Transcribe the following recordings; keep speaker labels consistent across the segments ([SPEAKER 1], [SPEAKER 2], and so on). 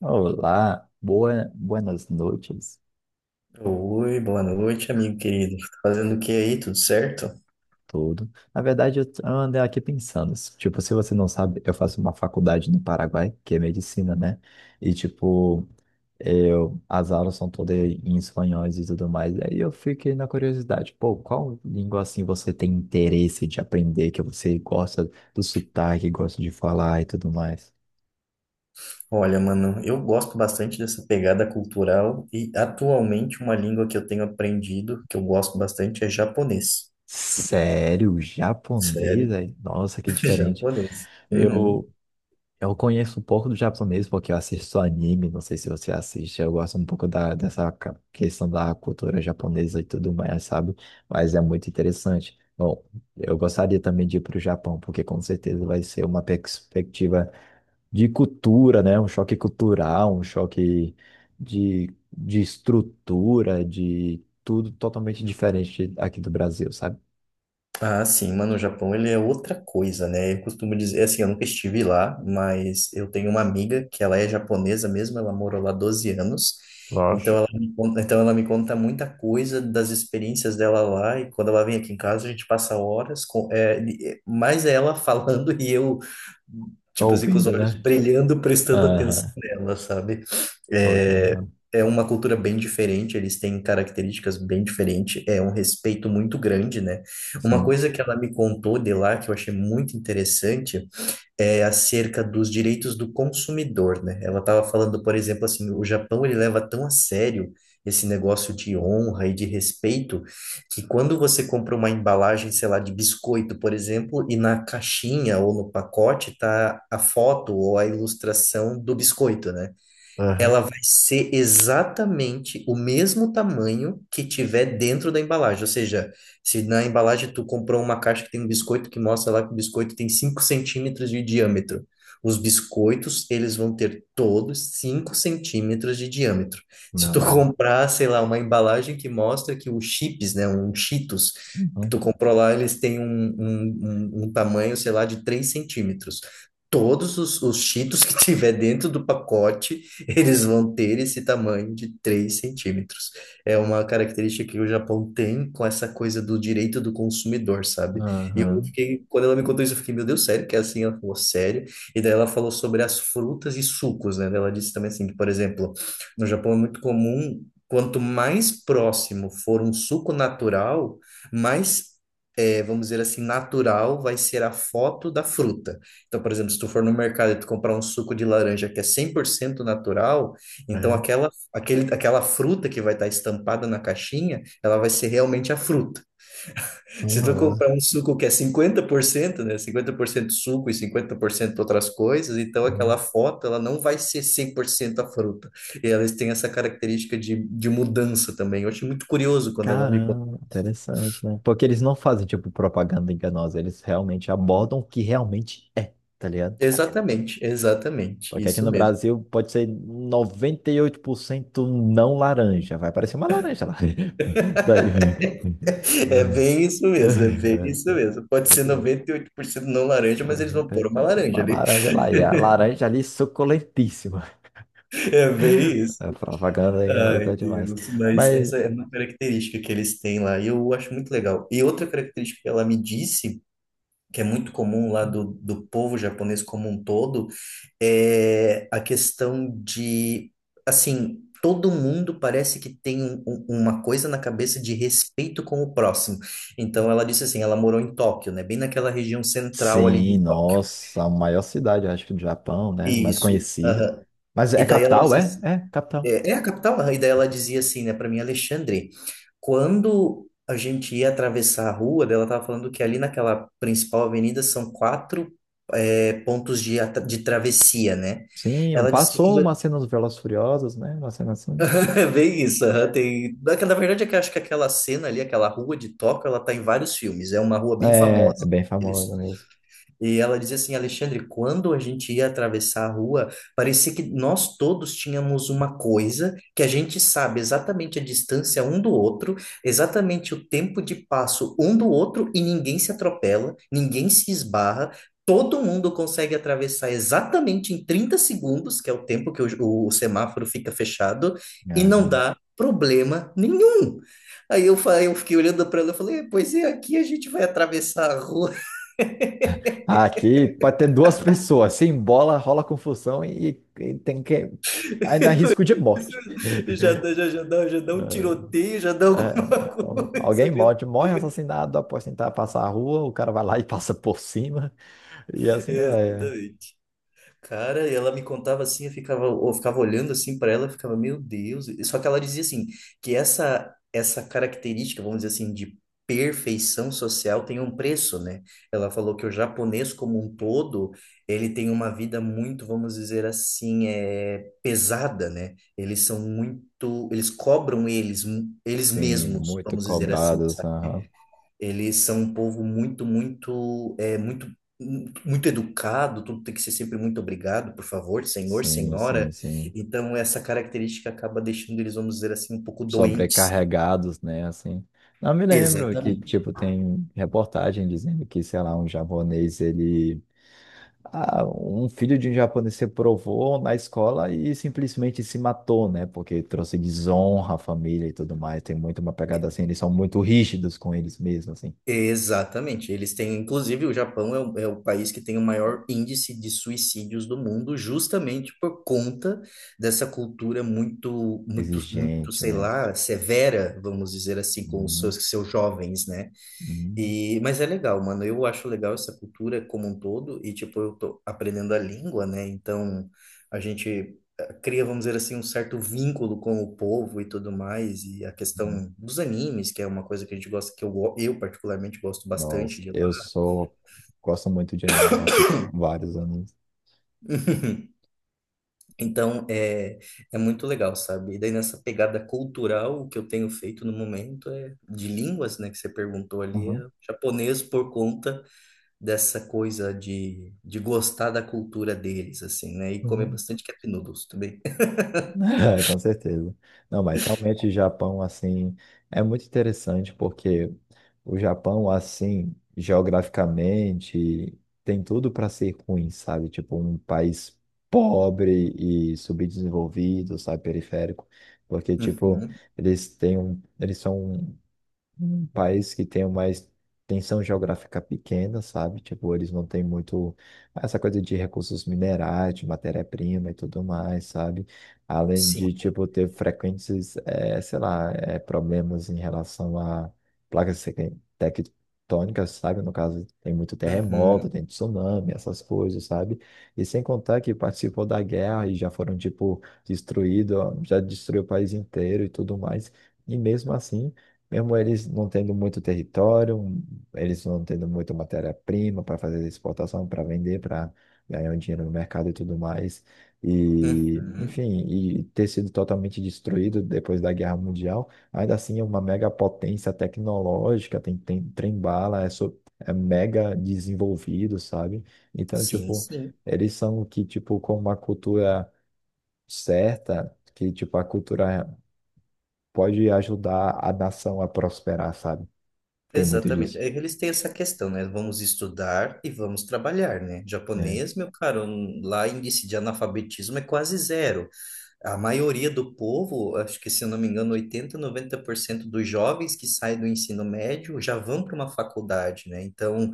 [SPEAKER 1] Olá, boa, buenas noites,
[SPEAKER 2] Oi, boa noite, amigo querido. Tá fazendo o que aí? Tudo certo?
[SPEAKER 1] tudo. Na verdade, eu andei aqui pensando, tipo, se você não sabe, eu faço uma faculdade no Paraguai, que é medicina, né? E, tipo, eu, as aulas são todas em espanhóis e tudo mais. Aí eu fiquei na curiosidade, pô, qual língua, assim, você tem interesse de aprender, que você gosta do sotaque, gosta de falar e tudo mais?
[SPEAKER 2] Olha, mano, eu gosto bastante dessa pegada cultural e atualmente uma língua que eu tenho aprendido, que eu gosto bastante, é japonês.
[SPEAKER 1] Sério? Japonês?
[SPEAKER 2] Sério?
[SPEAKER 1] Aí? Nossa, que diferente.
[SPEAKER 2] Japonês. Uhum.
[SPEAKER 1] Eu Eu conheço um pouco do japonês porque eu assisto anime, não sei se você assiste, eu gosto um pouco dessa questão da cultura japonesa e tudo mais, sabe? Mas é muito interessante. Bom, eu gostaria também de ir para o Japão, porque com certeza vai ser uma perspectiva de cultura, né? Um choque cultural, um choque de, de estrutura, de tudo totalmente diferente aqui do Brasil, sabe?
[SPEAKER 2] Ah, sim, mano, o Japão ele é outra coisa, né? Eu costumo dizer, é assim, eu nunca estive lá, mas eu tenho uma amiga que ela é japonesa mesmo, ela morou lá 12 anos, então
[SPEAKER 1] Nossa.
[SPEAKER 2] ela me conta, muita coisa das experiências dela lá, e quando ela vem aqui em casa a gente passa horas com, é, mais é ela falando e eu,
[SPEAKER 1] Tá
[SPEAKER 2] tipo assim, com os
[SPEAKER 1] ouvindo,
[SPEAKER 2] olhos
[SPEAKER 1] né?
[SPEAKER 2] brilhando, prestando
[SPEAKER 1] Aham.
[SPEAKER 2] atenção nela, sabe?
[SPEAKER 1] Foi, tá
[SPEAKER 2] É,
[SPEAKER 1] ouvindo?
[SPEAKER 2] é uma cultura bem diferente, eles têm características bem diferentes, é um respeito muito grande, né? Uma
[SPEAKER 1] Sim.
[SPEAKER 2] coisa que ela me contou de lá, que eu achei muito interessante, é acerca dos direitos do consumidor, né? Ela estava falando, por exemplo, assim, o Japão ele leva tão a sério esse negócio de honra e de respeito, que quando você compra uma embalagem, sei lá, de biscoito, por exemplo, e na caixinha ou no pacote tá a foto ou a ilustração do biscoito, né?
[SPEAKER 1] Aham.
[SPEAKER 2] Ela vai ser exatamente o mesmo tamanho que tiver dentro da embalagem. Ou seja, se na embalagem tu comprou uma caixa que tem um biscoito que mostra lá que o biscoito tem 5 centímetros de diâmetro. Os biscoitos, eles vão ter todos 5 centímetros de diâmetro. Se tu
[SPEAKER 1] Não.
[SPEAKER 2] comprar, sei lá, uma embalagem que mostra que os chips, né, um Cheetos, que
[SPEAKER 1] Uhum.
[SPEAKER 2] tu comprou lá, eles têm um, um tamanho, sei lá, de 3 centímetros. Todos os Cheetos que tiver dentro do pacote eles vão ter esse tamanho de 3 centímetros. É uma característica que o Japão tem com essa coisa do direito do consumidor, sabe? E eu
[SPEAKER 1] Aham.
[SPEAKER 2] fiquei, quando ela me contou isso, eu fiquei, meu Deus, sério? Que é assim? Ela falou, sério? E daí ela falou sobre as frutas e sucos, né? Ela disse também assim, que, por exemplo, no Japão é muito comum, quanto mais próximo for um suco natural, mais é, vamos dizer assim, natural vai ser a foto da fruta. Então, por exemplo, se tu for no mercado e tu comprar um suco de laranja que é 100% natural, então
[SPEAKER 1] É.
[SPEAKER 2] aquela, aquela fruta que vai estar estampada na caixinha, ela vai ser realmente a fruta. Se tu
[SPEAKER 1] Nossa.
[SPEAKER 2] comprar um suco que é 50%, né, 50% suco e 50% outras coisas, então aquela
[SPEAKER 1] Uhum.
[SPEAKER 2] foto, ela não vai ser 100% a fruta. E elas têm essa característica de mudança também. Eu achei muito curioso quando ela me contou.
[SPEAKER 1] Caramba,
[SPEAKER 2] Isso.
[SPEAKER 1] interessante, né? Porque eles não fazem, tipo, propaganda enganosa, eles realmente abordam o que realmente é, tá ligado?
[SPEAKER 2] Exatamente, exatamente,
[SPEAKER 1] Porque aqui
[SPEAKER 2] isso
[SPEAKER 1] no
[SPEAKER 2] mesmo.
[SPEAKER 1] Brasil pode ser 98% não laranja, vai parecer uma laranja lá. Daí vem.
[SPEAKER 2] É bem isso mesmo, é bem isso mesmo. Pode ser
[SPEAKER 1] Muito bem.
[SPEAKER 2] 98% não laranja, mas eles vão pôr uma laranja
[SPEAKER 1] Uma
[SPEAKER 2] ali.
[SPEAKER 1] laranja lá, e a laranja ali suculentíssima.
[SPEAKER 2] É bem isso.
[SPEAKER 1] A propaganda enganosa
[SPEAKER 2] Ai,
[SPEAKER 1] é demais.
[SPEAKER 2] Deus. Mas
[SPEAKER 1] Mas
[SPEAKER 2] essa é uma característica que eles têm lá e eu acho muito legal. E outra característica que ela me disse que é muito comum lá do, povo japonês como um todo, é a questão de, assim, todo mundo parece que tem uma coisa na cabeça de respeito com o próximo. Então, ela disse assim, ela morou em Tóquio, né? Bem naquela região central ali
[SPEAKER 1] sim,
[SPEAKER 2] de Tóquio.
[SPEAKER 1] nossa, a maior cidade, eu acho que do Japão, né? Mais
[SPEAKER 2] Isso.
[SPEAKER 1] conhecida.
[SPEAKER 2] Aham.
[SPEAKER 1] Mas
[SPEAKER 2] E
[SPEAKER 1] é
[SPEAKER 2] daí ela
[SPEAKER 1] capital,
[SPEAKER 2] disse
[SPEAKER 1] é?
[SPEAKER 2] assim,
[SPEAKER 1] É, capital.
[SPEAKER 2] é, é a capital, e daí ela dizia assim, né, para mim, Alexandre, quando a gente ia atravessar a rua, daí ela estava falando que ali naquela principal avenida são quatro é, pontos de, de travessia, né?
[SPEAKER 1] Sim,
[SPEAKER 2] Ela disse que
[SPEAKER 1] passou
[SPEAKER 2] aquilo...
[SPEAKER 1] uma cena dos Velozes e Furiosos, né? Uma cena assim.
[SPEAKER 2] É bem isso, aham,
[SPEAKER 1] Né.
[SPEAKER 2] tem... Na verdade, é que eu acho que aquela cena ali, aquela rua de Tóquio, ela tá em vários filmes, é uma rua bem
[SPEAKER 1] É, é
[SPEAKER 2] famosa.
[SPEAKER 1] bem famosa
[SPEAKER 2] Eles...
[SPEAKER 1] mesmo.
[SPEAKER 2] E ela dizia assim, Alexandre, quando a gente ia atravessar a rua, parecia que nós todos tínhamos uma coisa que a gente sabe exatamente a distância um do outro, exatamente o tempo de passo um do outro e ninguém se atropela, ninguém se esbarra. Todo mundo consegue atravessar exatamente em 30 segundos, que é o tempo que o semáforo fica fechado, e não dá problema nenhum. Aí eu, eu fiquei olhando para ela e falei, pois é, aqui a gente vai atravessar a rua.
[SPEAKER 1] Ah, aqui pode ter duas pessoas, se embola, rola confusão e tem que. Ainda há risco de morte.
[SPEAKER 2] Já, já dá um tiroteio, já dá
[SPEAKER 1] É,
[SPEAKER 2] alguma
[SPEAKER 1] é,
[SPEAKER 2] coisa
[SPEAKER 1] alguém
[SPEAKER 2] ali no
[SPEAKER 1] morre, morre
[SPEAKER 2] meio.
[SPEAKER 1] assassinado após tentar passar a rua, o cara vai lá e passa por cima. E assim, é.
[SPEAKER 2] Exatamente. Cara, e ela me contava assim, eu ficava olhando assim para ela, eu ficava, meu Deus. Só que ela dizia assim, que essa característica, vamos dizer assim, de perfeição social tem um preço, né? Ela falou que o japonês como um todo, ele tem uma vida muito, vamos dizer assim, é, pesada, né? Eles são muito, eles cobram eles, eles
[SPEAKER 1] Sim,
[SPEAKER 2] mesmos,
[SPEAKER 1] muito
[SPEAKER 2] vamos dizer assim,
[SPEAKER 1] cobrados.
[SPEAKER 2] sabe? Eles são um povo muito, muito, é, muito, muito educado, tudo tem que ser sempre muito obrigado, por favor, senhor,
[SPEAKER 1] Sim,
[SPEAKER 2] senhora.
[SPEAKER 1] sim, sim.
[SPEAKER 2] Então, essa característica acaba deixando eles, vamos dizer assim, um pouco doentes.
[SPEAKER 1] Sobrecarregados, né? Assim. Não me lembro que,
[SPEAKER 2] Exatamente.
[SPEAKER 1] tipo, tem reportagem dizendo que, sei lá, um japonês, ele. Ah, um filho de um japonês se provou na escola e simplesmente se matou, né? Porque trouxe desonra à família e tudo mais. Tem muito uma pegada assim, eles são muito rígidos com eles mesmos, assim.
[SPEAKER 2] Exatamente. Eles têm, inclusive, o Japão é o, é o país que tem o maior índice de suicídios do mundo, justamente por conta dessa cultura muito, muito, muito,
[SPEAKER 1] Exigente,
[SPEAKER 2] sei
[SPEAKER 1] né?
[SPEAKER 2] lá, severa, vamos dizer assim, com os
[SPEAKER 1] Uhum,
[SPEAKER 2] seus, seus jovens, né?
[SPEAKER 1] uhum,
[SPEAKER 2] E, mas é legal, mano. Eu acho legal essa cultura como um todo e tipo eu tô aprendendo a língua, né? Então a gente cria, vamos dizer assim, um certo vínculo com o povo e tudo mais e a
[SPEAKER 1] uhum.
[SPEAKER 2] questão dos animes, que é uma coisa que a gente gosta, que eu, eu particularmente gosto bastante
[SPEAKER 1] Nossa,
[SPEAKER 2] de lá.
[SPEAKER 1] eu sou. Gosto muito de anime, eu assisto vários animes.
[SPEAKER 2] Então é É muito legal, sabe? E daí nessa pegada cultural, o que eu tenho feito no momento é de línguas, né? Que você perguntou ali, é
[SPEAKER 1] Uhum.
[SPEAKER 2] japonês por conta dessa coisa de, gostar da cultura deles, assim, né? E comer
[SPEAKER 1] Uhum.
[SPEAKER 2] bastante cup noodles também.
[SPEAKER 1] É, com certeza. Não, mas realmente o Japão, assim, é muito interessante porque o Japão, assim, geograficamente, tem tudo para ser ruim, sabe? Tipo, um país pobre e subdesenvolvido, sabe? Periférico. Porque, tipo,
[SPEAKER 2] Uhum,
[SPEAKER 1] eles têm um, eles são um país que tem uma extensão geográfica pequena, sabe? Tipo, eles não têm muito essa coisa de recursos minerais, de matéria-prima e tudo mais, sabe? Além
[SPEAKER 2] sim.
[SPEAKER 1] de, tipo, ter frequentes, sei lá, problemas em relação a placas tec- tectônicas, sabe? No caso, tem muito
[SPEAKER 2] Uhum,
[SPEAKER 1] terremoto, tem tsunami, essas coisas, sabe? E sem contar que participou da guerra e já foram, tipo, destruídos, já destruiu o país inteiro e tudo mais. E mesmo assim, mesmo eles não tendo muito território, eles não tendo muito matéria-prima para fazer exportação, para vender, para ganhar um dinheiro no mercado e tudo mais. E,
[SPEAKER 2] uhum.
[SPEAKER 1] enfim, e ter sido totalmente destruído depois da Guerra Mundial, ainda assim é uma mega potência tecnológica, tem, tem trem-bala, é, é mega desenvolvido, sabe? Então,
[SPEAKER 2] Sim,
[SPEAKER 1] tipo,
[SPEAKER 2] sim.
[SPEAKER 1] eles são que, tipo, com uma cultura certa, que, tipo, a cultura pode ajudar a nação a prosperar, sabe? Tem muito
[SPEAKER 2] Exatamente.
[SPEAKER 1] disso.
[SPEAKER 2] É que eles têm essa questão, né? Vamos estudar e vamos trabalhar, né?
[SPEAKER 1] É.
[SPEAKER 2] Japonês, meu caro, lá índice de analfabetismo é quase zero. A maioria do povo, acho que se eu não me engano, 80 90% dos jovens que saem do ensino médio já vão para uma faculdade, né? Então,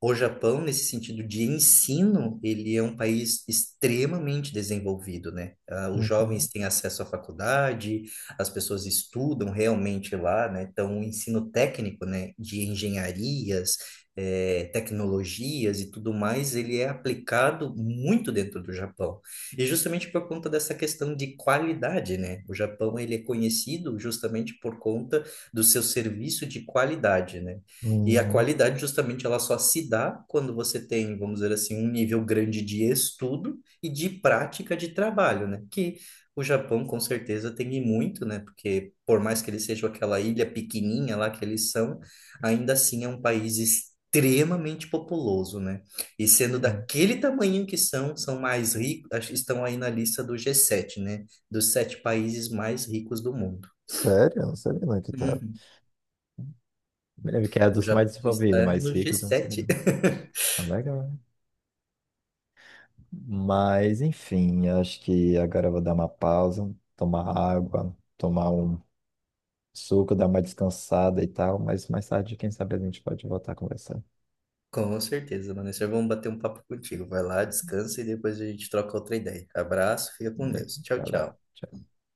[SPEAKER 2] o Japão, nesse sentido de ensino, ele é um país extremamente desenvolvido, né? Ah, os
[SPEAKER 1] Uhum,
[SPEAKER 2] jovens têm acesso à faculdade, as pessoas estudam realmente lá, né? Então, o ensino técnico, né, de engenharias, eh, tecnologias e tudo mais, ele é aplicado muito dentro do Japão. E justamente por conta dessa questão de qualidade, né? O Japão, ele é conhecido justamente por conta do seu serviço de qualidade, né? E a
[SPEAKER 1] uhum,
[SPEAKER 2] qualidade, justamente, ela só se dá quando você tem, vamos dizer assim, um nível grande de estudo e de prática de trabalho, né? Que o Japão, com certeza, tem e muito, né? Porque, por mais que eles sejam aquela ilha pequenininha lá que eles são, ainda assim é um país extremamente populoso, né? E sendo
[SPEAKER 1] uhum.
[SPEAKER 2] daquele tamanho que são, são mais ricos, acho que estão aí na lista do G7, né? Dos 7 países mais ricos do mundo.
[SPEAKER 1] Sério? Eu não sabia não que tava.
[SPEAKER 2] Uhum.
[SPEAKER 1] Me lembro que é
[SPEAKER 2] O
[SPEAKER 1] dos mais
[SPEAKER 2] Japão
[SPEAKER 1] desenvolvidos,
[SPEAKER 2] está
[SPEAKER 1] mais
[SPEAKER 2] no
[SPEAKER 1] ricos, eu não sei.
[SPEAKER 2] G7.
[SPEAKER 1] Ah, legal. Né? Mas, enfim, acho que agora eu vou dar uma pausa, tomar água, tomar um suco, dar uma descansada e tal. Mas mais tarde, quem sabe a gente pode voltar a conversar.
[SPEAKER 2] Com certeza, Vanessa. Vamos bater um papo contigo. Vai lá, descansa e depois a gente troca outra ideia. Abraço, fica com
[SPEAKER 1] Beleza?
[SPEAKER 2] Deus. Tchau,
[SPEAKER 1] Valeu.
[SPEAKER 2] tchau.
[SPEAKER 1] Tchau.